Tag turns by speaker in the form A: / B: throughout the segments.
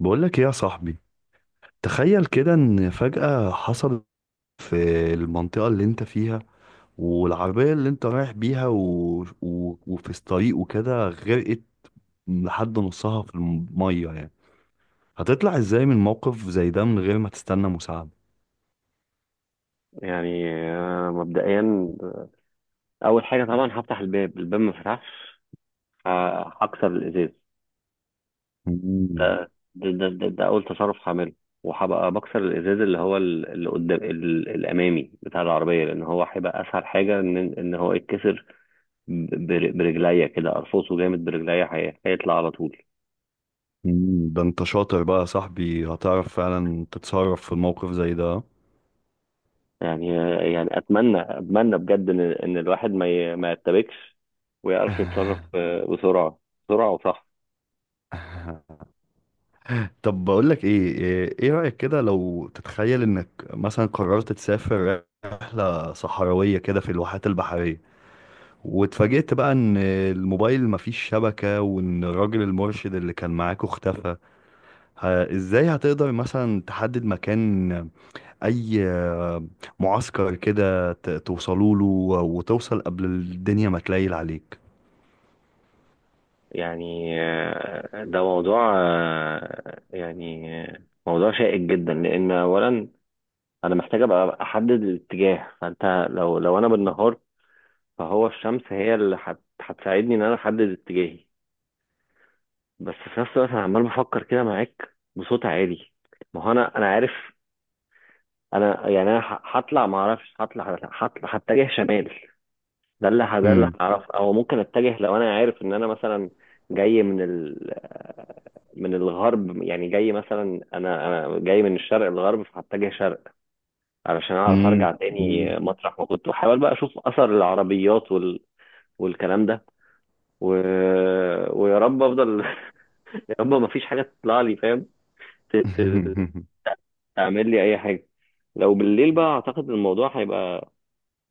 A: بقولك ايه يا صاحبي؟ تخيل كده ان فجأة حصل في المنطقة اللي انت فيها، والعربية اللي انت رايح بيها وفي الطريق وكده غرقت لحد نصها في المية يعني. هتطلع ازاي من موقف زي ده من غير ما تستنى مساعدة؟
B: يعني مبدئيا اول حاجه طبعا هفتح الباب ما فتحش، ه- هكسر الازاز.
A: مم.
B: ده اول تصرف هعمله، وهبقى بكسر الازاز اللي هو اللي قدام الامامي بتاع العربيه، لان هو هيبقى اسهل حاجه ان هو يتكسر. برجليا كده ارفصه جامد برجليا، هيطلع على طول.
A: مم. ده انت شاطر بقى يا صاحبي، هتعرف فعلا تتصرف في الموقف زي ده.
B: يعني يعني اتمنى بجد ان الواحد ما يتبكش ويعرف يتصرف بسرعه، بسرعه وصح.
A: طب بقول لك ايه. إيه رأيك كده لو تتخيل انك مثلا قررت تسافر رحلة صحراوية كده في الواحات البحرية، واتفاجئت بقى ان الموبايل مفيش شبكة وان الراجل المرشد اللي كان معاك اختفى. ازاي هتقدر مثلا تحدد مكان اي معسكر كده توصلوا له، وتوصل قبل الدنيا ما تليل عليك؟
B: يعني ده موضوع موضوع شائك جدا، لان اولا انا محتاج ابقى احدد الاتجاه. فانت لو انا بالنهار فهو الشمس هي اللي هتساعدني ان انا احدد اتجاهي. بس في نفس الوقت انا عمال بفكر كده معاك بصوت عالي. ما هو انا عارف. انا يعني انا هطلع، ما اعرفش، هطلع هتجه شمال. ده اللي
A: مم.
B: هعرفه، او ممكن اتجه لو انا عارف ان انا مثلا جاي من الغرب. يعني جاي مثلا انا جاي من الشرق للغرب، فهتجه شرق علشان اعرف
A: مم.
B: ارجع تاني مطرح ما كنت، واحاول بقى اشوف اثر العربيات والكلام ده و... ويا رب افضل. يا رب ما فيش حاجه تطلع لي ت... ت... تعمل لي اي حاجه. لو بالليل بقى اعتقد الموضوع هيبقى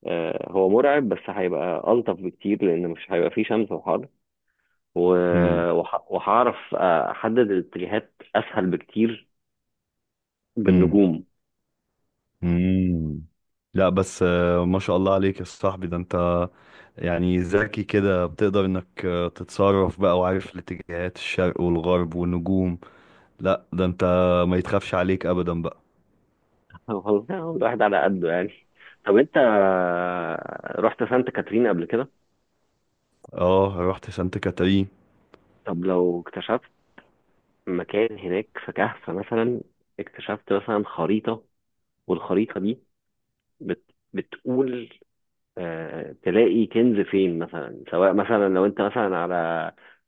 B: هو مرعب، بس هيبقى الطف بكتير لان مش هيبقى فيه شمس وحر،
A: مم. مم.
B: وهعرف احدد الاتجاهات اسهل بكتير. بالنجوم.
A: امم لا بس، ما شاء الله عليك يا صاحبي، ده انت يعني ذكي كده، بتقدر انك تتصرف بقى وعارف الاتجاهات، الشرق والغرب والنجوم. لا ده انت ما يتخافش عليك ابدا بقى.
B: والله الواحد على قده يعني. طب انت رحت سانت كاترين قبل كده؟
A: اه، رحت سانت كاترين.
B: طب لو اكتشفت مكان هناك في كهف مثلا، اكتشفت مثلا خريطة، والخريطة دي بت بتقول تلاقي كنز فين مثلا، سواء مثلا لو انت مثلا على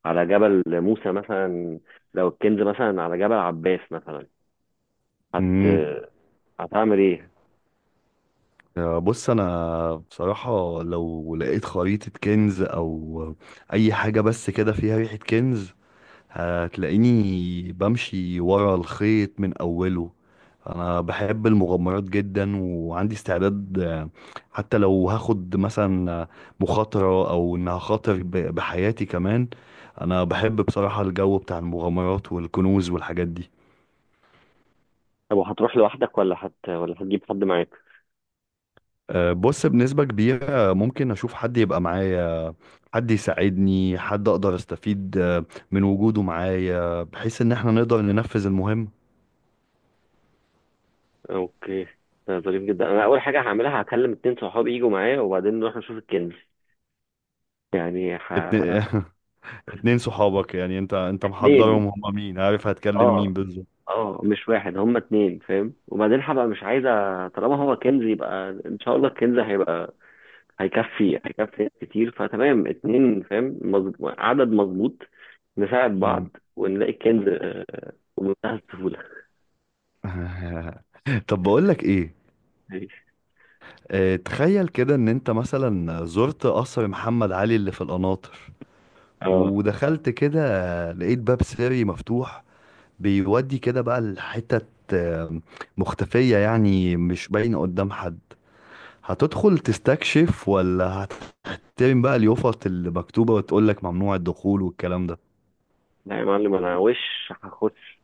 B: على جبل موسى مثلا، لو الكنز مثلا على جبل عباس مثلا، هت
A: امم
B: هتعمل ايه؟
A: بص، انا بصراحة لو لقيت خريطة كنز او اي حاجة بس كده فيها ريحة كنز، هتلاقيني بمشي ورا الخيط من أوله. أنا بحب المغامرات جدا وعندي استعداد، حتى لو هاخد مثلا مخاطرة، أو إن هخاطر بحياتي كمان. أنا بحب بصراحة الجو بتاع المغامرات والكنوز والحاجات دي.
B: طب وهتروح لوحدك ولا هت ولا هتجيب حد معاك؟
A: بص، بنسبة كبيرة ممكن أشوف حد يبقى معايا، حد يساعدني، حد أقدر أستفيد من وجوده معايا، بحيث إن احنا نقدر ننفذ المهمة.
B: اوكي، ده ظريف جدا. انا اول حاجه هعملها هكلم اتنين صحابي يجوا معايا، وبعدين نروح نشوف الكنز. يعني ح...
A: اتن- اتنين صحابك؟ يعني انت محضرهم؟
B: اتنين،
A: هما مين؟ عارف هتكلم مين
B: اه.
A: بالظبط؟
B: اه، مش واحد، هما اتنين وبعدين هبقى مش عايزه، طالما هو كنز يبقى ان شاء الله الكنز هيكفي ناس كتير، فتمام. اتنين مظبوط، عدد مظبوط، نساعد
A: مم.
B: بعض ونلاقي الكنز بمنتهى السهوله.
A: طب بقول لك ايه.
B: ماشي.
A: اه تخيل كده ان انت مثلا زرت قصر محمد علي اللي في القناطر،
B: اه.
A: ودخلت كده، لقيت باب سري مفتوح، بيودي كده بقى لحتت آه، مختفية، يعني مش باينة قدام حد. هتدخل تستكشف ولا هتحترم بقى اليوفط اللي مكتوبة وتقول لك ممنوع الدخول والكلام ده؟
B: لا يا معلم، انا وش هخش،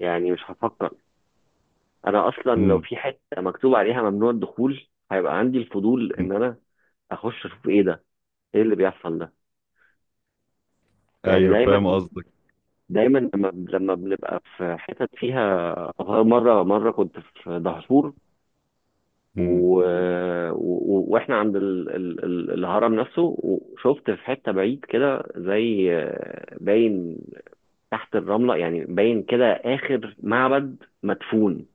B: يعني مش هفكر. انا اصلا لو
A: مم.
B: في حته مكتوب عليها ممنوع الدخول هيبقى عندي الفضول
A: مم.
B: ان انا اخش اشوف ايه ده، ايه اللي بيحصل ده. يعني
A: ايوه،
B: دايما،
A: فاهم قصدك.
B: لما بنبقى في حتت فيها، مره كنت في دهشور، و... واحنا عند الهرم نفسه، وشفت في حته بعيد كده زي باين تحت الرمله يعني، باين كده اخر معبد مدفون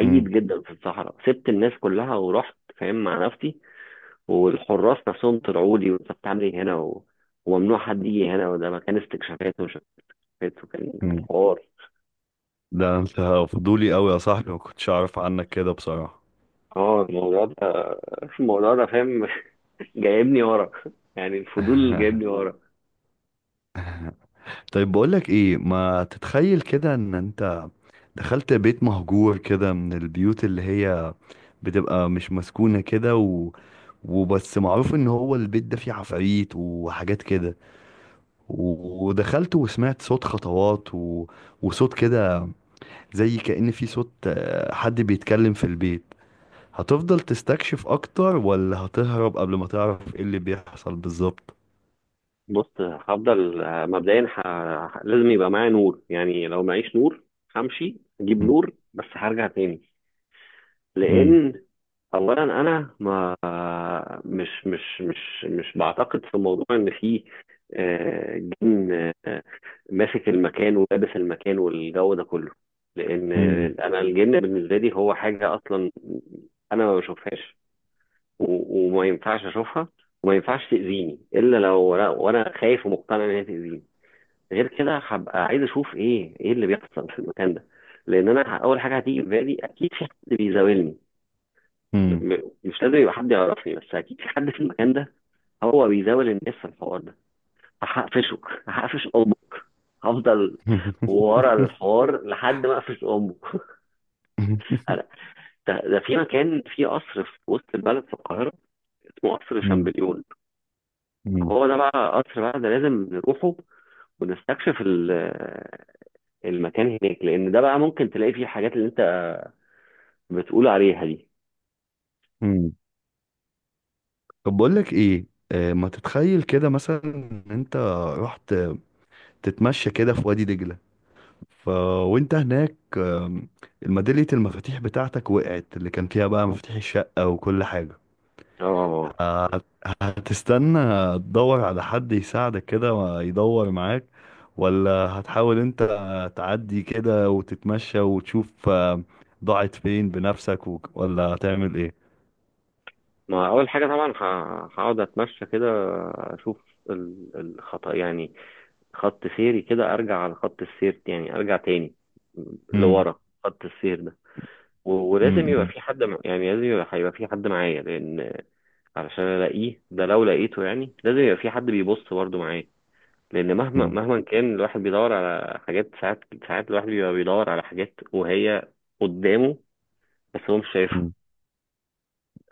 A: مم.
B: جدا في الصحراء. سبت الناس كلها ورحت مع نفسي، والحراس نفسهم طلعوا لي: وانت بتعمل ايه هنا وممنوع حد يجي هنا، وده مكان استكشافات وشفافات، وكان
A: مم.
B: الحوار.
A: ده انت فضولي قوي يا صاحبي، ما كنتش اعرف عنك كده بصراحة.
B: اه، الموضوع ده الموضوع ده جايبني ورا، يعني الفضول جايبني ورا.
A: طيب بقولك ايه، ما تتخيل كده ان انت دخلت بيت مهجور كده، من البيوت اللي هي بتبقى مش مسكونة كده وبس معروف ان هو البيت ده فيه عفاريت وحاجات كده، ودخلت وسمعت صوت خطوات وصوت كده زي كأن في صوت حد بيتكلم في البيت. هتفضل تستكشف اكتر ولا هتهرب قبل ما تعرف ايه اللي بيحصل بالظبط؟
B: بص، هفضل مبدئيا لازم يبقى معايا نور. يعني لو معيش نور همشي اجيب نور بس هرجع تاني،
A: مم.
B: لان اولا انا ما مش مش مش مش بعتقد في موضوع ان في جن آه، ماسك المكان ولابس المكان والجو ده كله، لان
A: مم.
B: انا الجن بالنسبه لي هو حاجه اصلا انا ما بشوفهاش، وما ينفعش اشوفها، وما ينفعش تاذيني الا لو وأنا خايف ومقتنع ان هي تاذيني. غير كده هبقى عايز اشوف ايه اللي بيحصل في المكان ده، لان انا اول حاجه هتيجي في بالي اكيد في حد بيزاولني.
A: مم.
B: مش لازم يبقى حد يعرفني، بس اكيد في حد في المكان ده هو بيزاول الناس في الحوار ده. هقفشك، هقفش امك، هفضل ورا الحوار لحد ما اقفش امك. انا ده في مكان، في قصر في وسط البلد في القاهره اسمه قصر
A: مم.
B: شامبليون،
A: مم.
B: هو ده بقى قصر. بقى ده لازم نروحه ونستكشف المكان هناك، لان ده بقى ممكن تلاقي فيه الحاجات اللي انت بتقول عليها دي.
A: مم. طب بقول لك ايه، ما تتخيل كده مثلا ان انت رحت تتمشى كده في وادي دجلة، ف وانت هناك الميدالية المفاتيح بتاعتك وقعت، اللي كان فيها بقى مفاتيح الشقة وكل حاجة.
B: اه.
A: هت- هتستنى تدور على حد يساعدك كده ويدور معاك، ولا هتحاول انت تعدي كده وتتمشى وتشوف ضاعت فين بنفسك ولا هتعمل ايه؟
B: ما اول حاجه طبعا هقعد اتمشى كده، اشوف الخط يعني، خط سيري كده، ارجع على خط السير يعني، ارجع تاني
A: مم.
B: لورا خط السير ده. ولازم
A: مم.
B: يبقى
A: مم.
B: في حد، يعني لازم يبقى هيبقى في حد معايا، لان علشان الاقيه ده لو لقيته يعني لازم يبقى في حد بيبص برضه معايا، لان مهما
A: مم.
B: مهما كان الواحد بيدور على حاجات ساعات، ساعات الواحد بيبقى بيدور على حاجات وهي قدامه بس هو مش شايفها.
A: مم.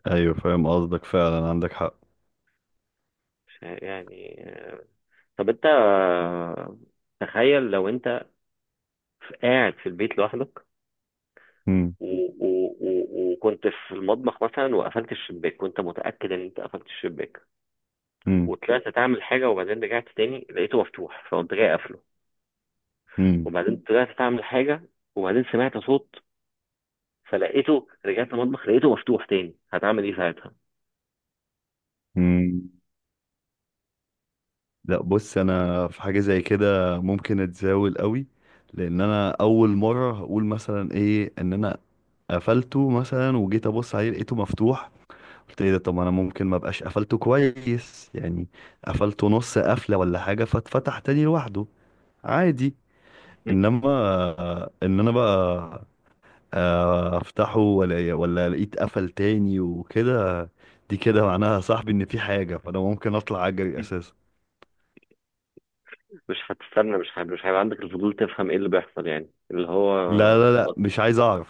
A: ايوه، فاهم قصدك، فعلا عندك حق.
B: يعني. طب انت تخيل لو انت قاعد في البيت لوحدك،
A: مم.
B: وكنت في المطبخ مثلا وقفلت الشباك، وانت متأكد ان انت قفلت الشباك،
A: مم.
B: وطلعت تعمل حاجة، وبعدين رجعت تاني لقيته مفتوح، فقمت جاي قافله،
A: مم.
B: وبعدين طلعت تعمل حاجة وبعدين سمعت صوت، فلقيته رجعت المطبخ لقيته مفتوح تاني، هتعمل ايه ساعتها؟
A: مم. لا، بص انا في حاجة زي كده ممكن اتزاول قوي. لان انا اول مرة هقول مثلا ايه، ان انا قفلته مثلا وجيت ابص عليه لقيته مفتوح. قلت ايه ده؟ طب ما انا ممكن ما ابقاش قفلته كويس يعني، قفلته نص قفله ولا حاجه، فاتفتح تاني لوحده عادي. انما ان انا بقى افتحه ولا لقيت قفل تاني وكده، دي كده معناها يا صاحبي ان في حاجه، فانا ممكن اطلع اجري اساسا.
B: مش هتستنى؟ مش هيبقى عندك الفضول تفهم ايه اللي بيحصل يعني اللي
A: لا
B: هو؟
A: لا لا، مش عايز اعرف.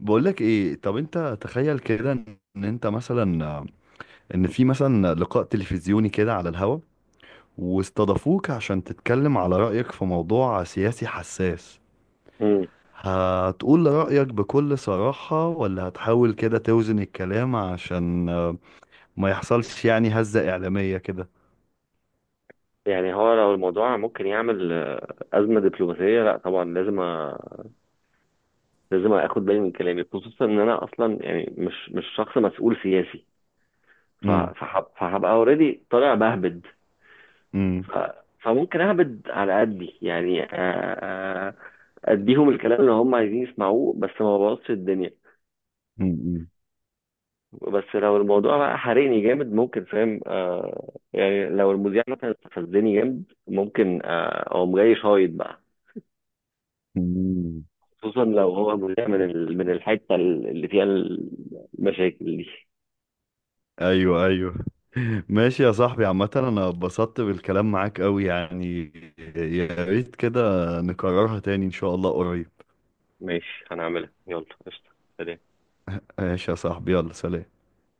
A: بقولك ايه، طب انت تخيل كده ان انت مثلا ان في مثلا لقاء تلفزيوني كده على الهوا، واستضافوك عشان تتكلم على رأيك في موضوع سياسي حساس. هتقول رأيك بكل صراحة ولا هتحاول كده توزن الكلام عشان ما يحصلش يعني هزة إعلامية كده؟
B: يعني هو لو الموضوع ممكن يعمل أزمة دبلوماسية لا طبعا لازم لازم أخد بالي من كلامي، خصوصا إن أنا أصلا يعني مش شخص مسؤول سياسي،
A: امم.
B: فهبقى أوريدي طالع بهبد،
A: امم.
B: ف... فممكن أهبد على قدي يعني، آه، أديهم الكلام اللي هم عايزين يسمعوه بس ما بوظش الدنيا.
A: امم.
B: بس لو الموضوع بقى حرقني جامد ممكن، فاهم آه يعني لو المذيع مثلا استفزني جامد، ممكن أقوم جاي شايط بقى،
A: أمم.
B: خصوصا لو هو مذيع من من الحته اللي فيها المشاكل دي.
A: ايوه، ايوه. ماشي يا صاحبي، عامة انا اتبسطت بالكلام معاك قوي يعني. يا ريت كده نكررها تاني ان شاء الله قريب.
B: ماشي، هنعملها، يلا قشطه. سلام.
A: ماشي يا صاحبي، يلا سلام.